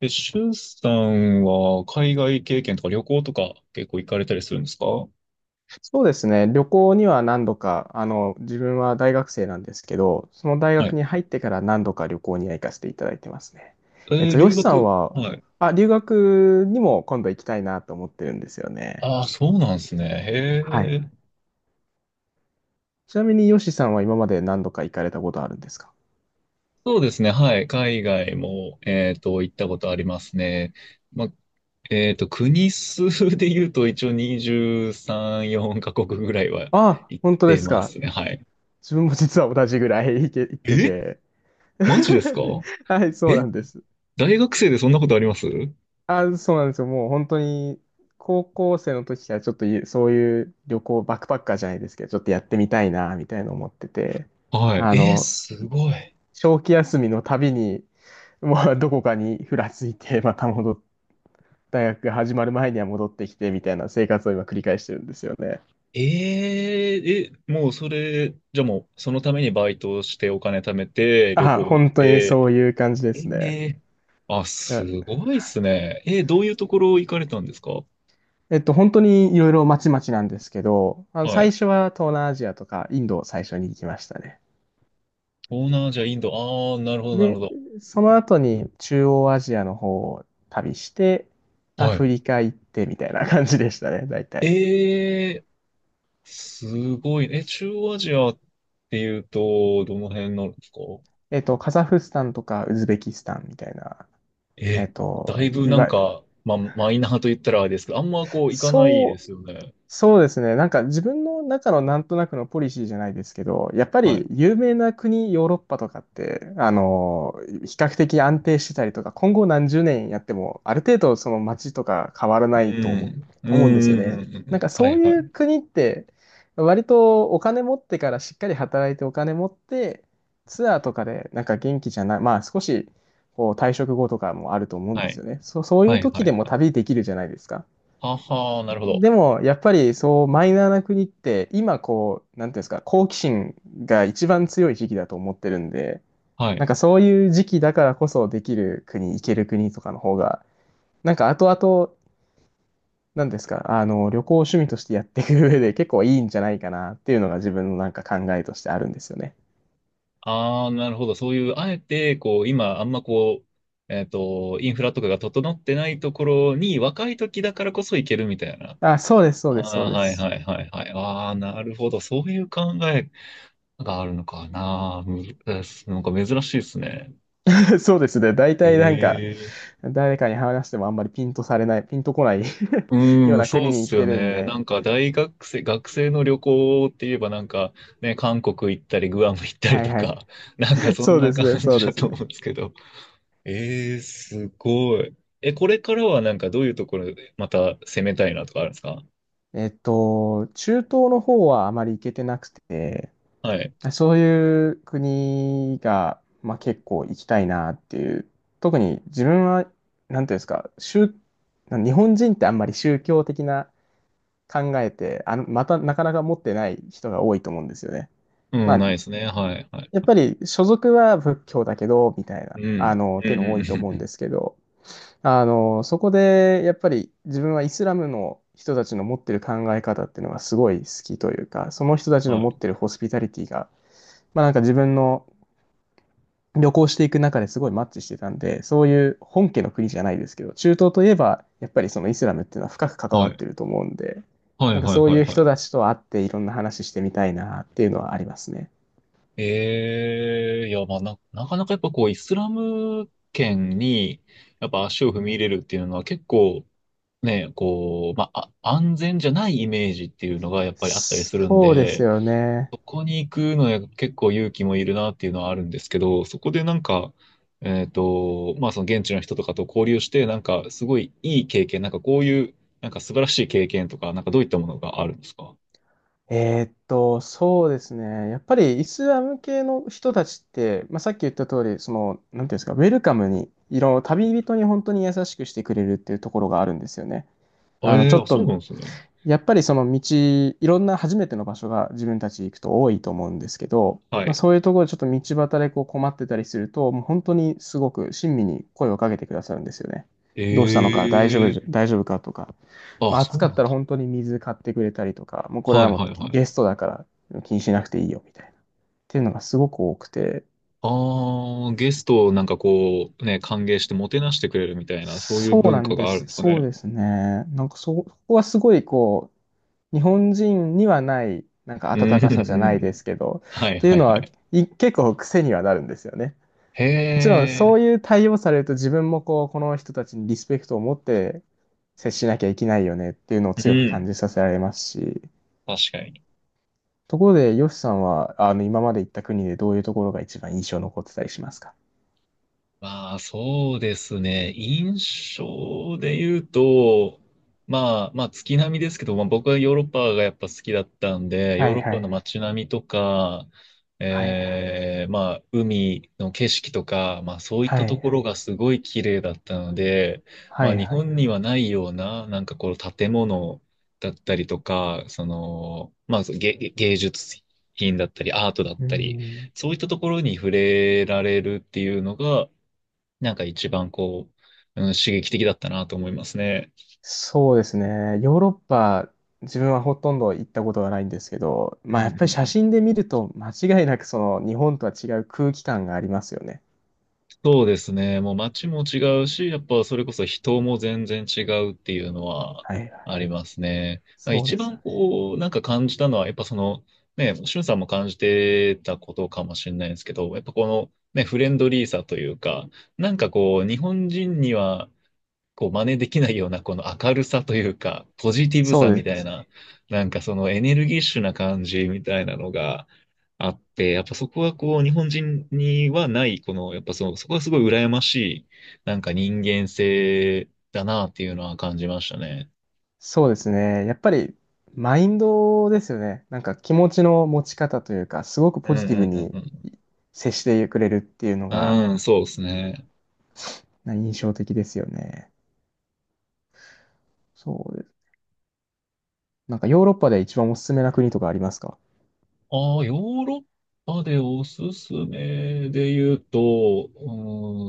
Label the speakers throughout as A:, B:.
A: え、シュンさんは海外経験とか旅行とか結構行かれたりするんですか？は
B: そうですね。旅行には何度か、自分は大学生なんですけど、その大学に
A: い。
B: 入ってから何度か旅行には行かせていただいてますね。ヨ
A: 留
B: シさん
A: 学。
B: は、
A: はい。
B: あ、留学にも今度行きたいなと思ってるんですよね。
A: ああ、そうなんですね。
B: は
A: へ
B: い。
A: え。
B: ちなみにヨシさんは今まで何度か行かれたことあるんですか？
A: そうですね。はい。海外も、行ったことありますね。ま、国数で言うと一応23、4カ国ぐらいは
B: あ、
A: 行っ
B: 本当で
A: て
B: す
A: ま
B: か。
A: すね。はい。
B: 自分も実は同じぐらい行って
A: え、
B: て。
A: マジですか？
B: はい、そうな
A: え、
B: んです。
A: 大学生でそんなことあります？
B: あ、そうなんですよ。もう本当に、高校生の時からちょっとゆそういう旅行、バックパッカーじゃないですけど、ちょっとやってみたいな、みたいな思ってて、
A: はい。
B: あの、
A: すごい。
B: 長期休みのたびに、まあ、どこかにふらついて、また戻っ大学が始まる前には戻ってきて、みたいな生活を今繰り返してるんですよね。
A: ええ、え、もうそれ、じゃあもうそのためにバイトをしてお金貯めて旅
B: あ、
A: 行行っ
B: 本当にそう
A: て、
B: いう感じで
A: え
B: すね。
A: え、あ、
B: だ
A: すごいっすね。どういうところ行かれたんですか？
B: 本当にいろいろまちまちなんですけど、あの、
A: はい。
B: 最初は東南アジアとかインドを最初に行きましたね。
A: 東南アジア、インド、ああ、なるほど、なるほ
B: で、
A: ど。
B: その後に中央アジアの方を旅して、ア
A: はい。
B: フリカ行ってみたいな感じでしたね、大体。
A: えーすごい。え、中央アジアっていうと、どの辺なんですか？
B: えっと、カザフスタンとかウズベキスタンみたいな、えっ
A: え、だ
B: と、
A: いぶ
B: い
A: なん
B: わゆる、
A: か、まあ、マイナーと言ったらあれですけど、あんまこう行かないで
B: そう、
A: すよね。
B: そうですね。なんか自分の中のなんとなくのポリシーじゃないですけど、やっぱ
A: は
B: り
A: い。
B: 有名な国、ヨーロッパとかって、あの、比較的安定してたりとか、今後何十年やっても、ある程度その街とか変わら
A: う
B: ないと
A: ん。うん。う
B: 思うんですよ
A: ん。うん
B: ね。
A: う
B: なんか
A: ん、は
B: そう
A: いは
B: いう
A: い。
B: 国って、割とお金持ってからしっかり働いてお金持って、ツアーとかでなんか元気じゃない、まあ少しこう退職後とかもあると思うんで
A: は
B: す
A: い。
B: よね。そうい
A: は
B: う
A: い
B: 時
A: は
B: で
A: い
B: も
A: はい。
B: 旅できるじゃないですか。
A: はは、なるほど。
B: でも、やっぱりそう、マイナーな国って、今こう、なんていうんですか、好奇心が一番強い時期だと思ってるんで、
A: は
B: なん
A: い。
B: かそういう時期だからこそできる国、行ける国とかの方が、なんか後々、なんですか、あの、旅行を趣味としてやっていく上で 結構いいんじゃないかなっていうのが自分のなんか考えとしてあるんですよね。
A: ああ、なるほど。そういう、あえて、こう、今、あんまこう、インフラとかが整ってないところに、若い時だからこそ行けるみたいな。
B: あ、そうです、そう
A: あ
B: です、そう
A: あ、
B: で
A: はい
B: す。
A: はいはいはい。ああ、なるほど。そういう考えがあるのかな。なんか珍しいですね。
B: そうですね。大体なんか、
A: ええ、
B: 誰かに話してもあんまりピンとこない
A: う
B: よ
A: ー
B: う
A: ん、
B: な
A: そう
B: 国
A: っ
B: に行っ
A: す
B: て
A: よ
B: るん
A: ね。な
B: で、
A: んか大学生、学生の旅行って言えばなんかね、韓国行ったりグアム行ったり
B: はい
A: と
B: はい。
A: か、なんかそん
B: そう
A: な
B: です
A: 感
B: ね、そう
A: じ
B: で
A: だ
B: す
A: と
B: ね。
A: 思うんですけど。すごい。え、これからはなんかどういうところでまた攻めたいなとかあるんですか？
B: えっと、中東の方はあまり行けてなくて、
A: はい。
B: そういう国が、まあ、結構行きたいなっていう、特に自分は、なんていうんですか、日本人ってあんまり宗教的な考えて、あの、またなかなか持ってない人が多いと思うんですよね。
A: う
B: ま
A: ん、
B: あ、
A: ないですね。はい、はい。
B: やっぱり所属は仏教だけど、みたい
A: う
B: な、
A: ん。
B: あの、っ
A: うん、
B: てい
A: う
B: う
A: ん、
B: の
A: う
B: 多
A: ん。
B: いと
A: う
B: 思うんで
A: ん、
B: すけど、あの、そこでやっぱり自分はイスラムの人たちの持ってる考え方っていうのがすごい好きというか、その人たちの
A: は
B: 持っ
A: い、
B: てるホスピタリティが、まあなんか自分の旅行していく中ですごいマッチしてたんで、そういう本家の国じゃないですけど、中東といえばやっぱりそのイスラムっていうのは深く関
A: は
B: わっ
A: い。
B: てると思うんで、
A: は
B: な
A: い、
B: んか
A: はい、
B: そう
A: はい、
B: いう
A: は
B: 人
A: い。
B: たちと会っていろんな話してみたいなっていうのはありますね。
A: ええー、いや、まあな、なかなかやっぱこう、イスラム圏に、やっぱ足を踏み入れるっていうのは結構、ね、こう、まあ、安全じゃないイメージっていうのがやっぱりあったりするん
B: そうです
A: で、
B: よね。
A: そこに行くのは結構勇気もいるなっていうのはあるんですけど、そこでなんか、まあその現地の人とかと交流して、なんかすごいいい経験、なんかこういう、なんか素晴らしい経験とか、なんかどういったものがあるんですか？
B: そうですね。やっぱりイスラム系の人たちって、まあ、さっき言った通り、その、なんていうんですか、ウェルカムに、旅人に本当に優しくしてくれるっていうところがあるんですよね。
A: あ、
B: あの、ちょ
A: あ、
B: っ
A: そう
B: と、
A: なんですね。
B: やっぱりその道、いろんな初めての場所が自分たち行くと多いと思うんですけど、
A: は
B: まあ、
A: い。
B: そういうところでちょっと道端でこう困ってたりすると、もう本当にすごく親身に声をかけてくださるんですよね。
A: え
B: どうしたのか、
A: え、
B: 大丈夫かとか、
A: あ、
B: まあ、暑
A: そう
B: かっ
A: なん
B: たら
A: だ。
B: 本当に水買ってくれたりとか、もうこれ
A: は
B: は
A: い
B: もう
A: はいはい。
B: ゲストだから気にしなくていいよみたいな。っていうのがすごく多くて、
A: ああ、ゲストをなんかこう、ね、歓迎してもてなしてくれるみたいな、そういう
B: そう
A: 文
B: なん
A: 化
B: で
A: があるん
B: す。
A: ですか
B: そう
A: ね。
B: ですね。なんかそこはすごいこう、日本人にはない、なんか
A: うん、う
B: 温かさじゃ
A: ん、う
B: ないで
A: ん。
B: すけど、
A: は
B: っ
A: い、
B: てい
A: は
B: う
A: い、
B: の
A: は
B: は、
A: い。
B: 結構癖にはなるんですよね。
A: へ
B: もちろんそう
A: え。
B: いう対応されると自分もこう、この人たちにリスペクトを持って接しなきゃいけないよねっていうのを
A: う
B: 強く感
A: ん。
B: じさせられますし、
A: 確かに。
B: ところで、ヨシさんは、あの、今まで行った国でどういうところが一番印象残ってたりしますか？
A: まあ、そうですね。印象で言うと、まあ、まあ、月並みですけど、まあ、僕はヨーロッパがやっぱ好きだったんで、ヨ
B: は
A: ー
B: い
A: ロッ
B: は
A: パの
B: い。
A: 街並みとか、
B: はいはい。
A: まあ、海の景色とか、まあ、そういっ
B: は
A: たと
B: いは
A: こ
B: い。
A: ろがすごい綺麗だったので、
B: は
A: まあ、
B: い
A: 日
B: はい。
A: 本にはないような、なんかこう、建物だったりとか、その、まあ、芸術品だったり、アートだっ
B: う
A: たり、
B: ん。
A: そういったところに触れられるっていうのが、なんか一番こう、うん、刺激的だったなと思いますね。
B: そうですね。ヨーロッパ、自分はほとんど行ったことがないんですけど、
A: うんう
B: まあやっぱ
A: ん
B: り
A: う
B: 写
A: ん。
B: 真で見ると間違いなくその日本とは違う空気感がありますよね。
A: そうですね。もう街も違うし、やっぱそれこそ人も全然違うっていうのは
B: はいは
A: あ
B: い。
A: りますね。まあ
B: そう
A: 一
B: ですよ
A: 番
B: ね。
A: こう、なんか感じたのは、やっぱその、ね、しゅんさんも感じてたことかもしれないんですけど、やっぱこの、ね、フレンドリーさというか、なんかこう、日本人には、こう、真似できないような、この明るさというか、ポジティブ
B: そ
A: さみ
B: うで
A: たい
B: す。
A: な、なんかそのエネルギッシュな感じみたいなのが、あって、やっぱそこはこう、日本人にはない、この、やっぱその、そこはすごい羨ましい、なんか人間性だなっていうのは感じましたね。
B: そうですね。やっぱりマインドですよね。なんか気持ちの持ち方というか、すごく
A: う
B: ポ
A: んう
B: ジティブ
A: ん
B: に
A: うん
B: 接してくれるっていうの
A: う
B: が
A: ん。うん、そうですね。
B: 印象的ですよね。そうです。なんかヨーロッパで一番おすすめな国とかありますか？
A: ああ、ヨーロッパでおすすめで言うと、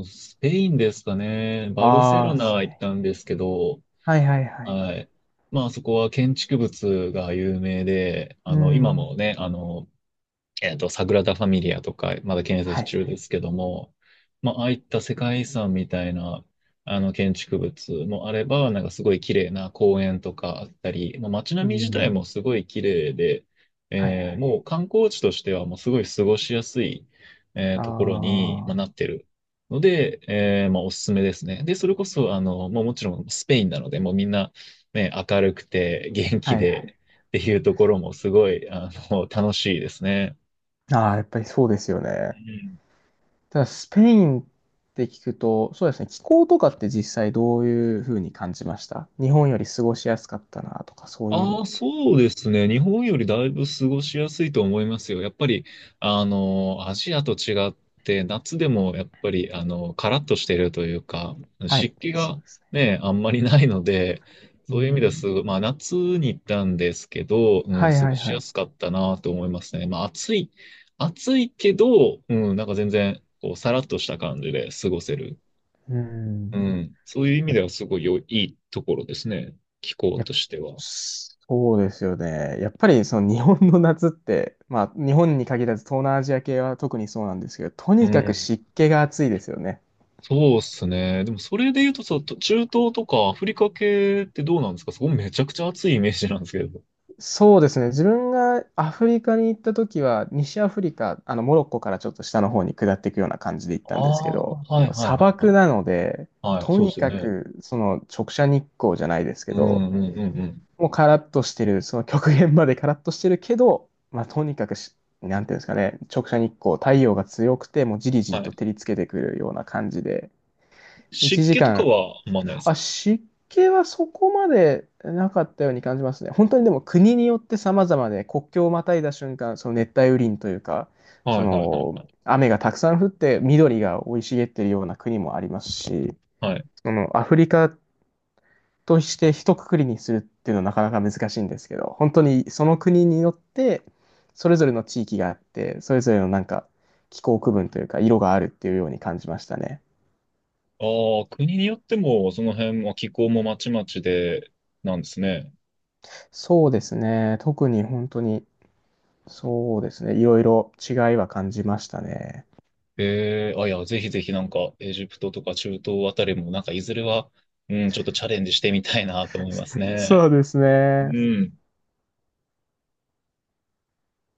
A: うん、スペインですかね。バルセロ
B: ああ
A: ナ
B: ー、
A: 行ったんですけど、
B: はいはいはい。
A: はい。まあそこは建築物が有名で、
B: う
A: 今も
B: ん。
A: ね、サグラダ・ファミリアとか、まだ建設
B: はい。
A: 中ですけども、まあ、ああいった世界遺産みたいな、建築物もあれば、なんかすごい綺麗な公園とかあったり、まあ、街
B: うー
A: 並み自体
B: ん。
A: もすごい綺麗で、
B: はいはい。
A: もう観光地としてはもうすごい過ごしやすい、
B: ああ、
A: ところに、まあ、
B: は
A: なってるので、まあ、おすすめですね。で、それこそ、まあ、もちろんスペインなので、もうみんな、ね、明るくて元気
B: いは
A: で
B: い。
A: っていうところもすごい、楽しいですね。
B: ああ、やっぱりそうですよ
A: う
B: ね。
A: ん、
B: ただ、スペインって聞くと、そうですね、気候とかって実際どういうふうに感じました？日本より過ごしやすかったなとか、そういうの
A: あ
B: っ
A: あ、
B: て。
A: そうですね。日本よりだいぶ過ごしやすいと思いますよ。やっぱり、アジアと違って、夏でもやっぱり、カラッとしてるというか、
B: はい、
A: 湿気
B: そ
A: が
B: うですね。
A: ね、あんまりないので、
B: う
A: そういう意味です。
B: ん。
A: まあ、夏に行ったんですけど、うん、
B: はい
A: 過
B: は
A: ご
B: い
A: し
B: は
A: や
B: い。
A: すかったなと思いますね。まあ、暑い、暑いけど、うん、なんか全然、こう、さらっとした感じで過ごせる。
B: うー
A: う
B: ん。
A: ん、そういう意味
B: い
A: ではすごい良いいいところですね。気候
B: や
A: としては。
B: そうですよね。やっぱりその日本の夏って、まあ日本に限らず東南アジア系は特にそうなんですけど、と
A: う
B: にかく
A: ん。
B: 湿気が暑いですよね。
A: そうっすね。でもそれで言うとさ、中東とかアフリカ系ってどうなんですか？そこめちゃくちゃ暑いイメージなんですけど。
B: そうですね。自分がアフリカに行った時は、西アフリカ、あのモロッコからちょっと下の方に下っていくような感じで行った
A: あ
B: んですけ
A: あ、
B: ど、
A: は
B: も
A: い
B: う
A: はい
B: 砂
A: はい
B: 漠
A: は
B: なので、
A: い。はい、
B: と
A: そうで
B: に
A: すよ
B: か
A: ね。
B: くその直射日光じゃないですけ
A: う
B: ど、
A: んうんうんうん。
B: もうカラッとしてる、その極限までカラッとしてるけど、まあとにかくし、なんていうんですかね、直射日光、太陽が強くて、もうじりじり
A: は
B: と
A: い。
B: 照りつけてくるような感じで、
A: 湿
B: 1
A: 気と
B: 時
A: か
B: 間、
A: はあんまないです
B: あ、
A: か？
B: 湿気はそこまでなかったように感じますね。本当にでも国によって様々で、国境をまたいだ瞬間、その熱帯雨林というか、そ
A: はいはい
B: の
A: はい。
B: 雨がたくさん降って緑が生い茂ってるような国もありますし、
A: はい。
B: そのアフリカとして一括りにするっていうのはなかなか難しいんですけど、本当にその国によってそれぞれの地域があって、それぞれのなんか気候区分というか色があるっていうように感じましたね。
A: ああ、国によってもその辺も気候もまちまちでなんですね。
B: そうですね。特に本当にそうですね。いろいろ違いは感じましたね。
A: ええ、あ、いや、ぜひぜひなんかエジプトとか中東あたりもなんかいずれは、うん、ちょっとチャレンジしてみたいなと思います
B: そ
A: ね。
B: うです
A: う
B: ね。
A: ん。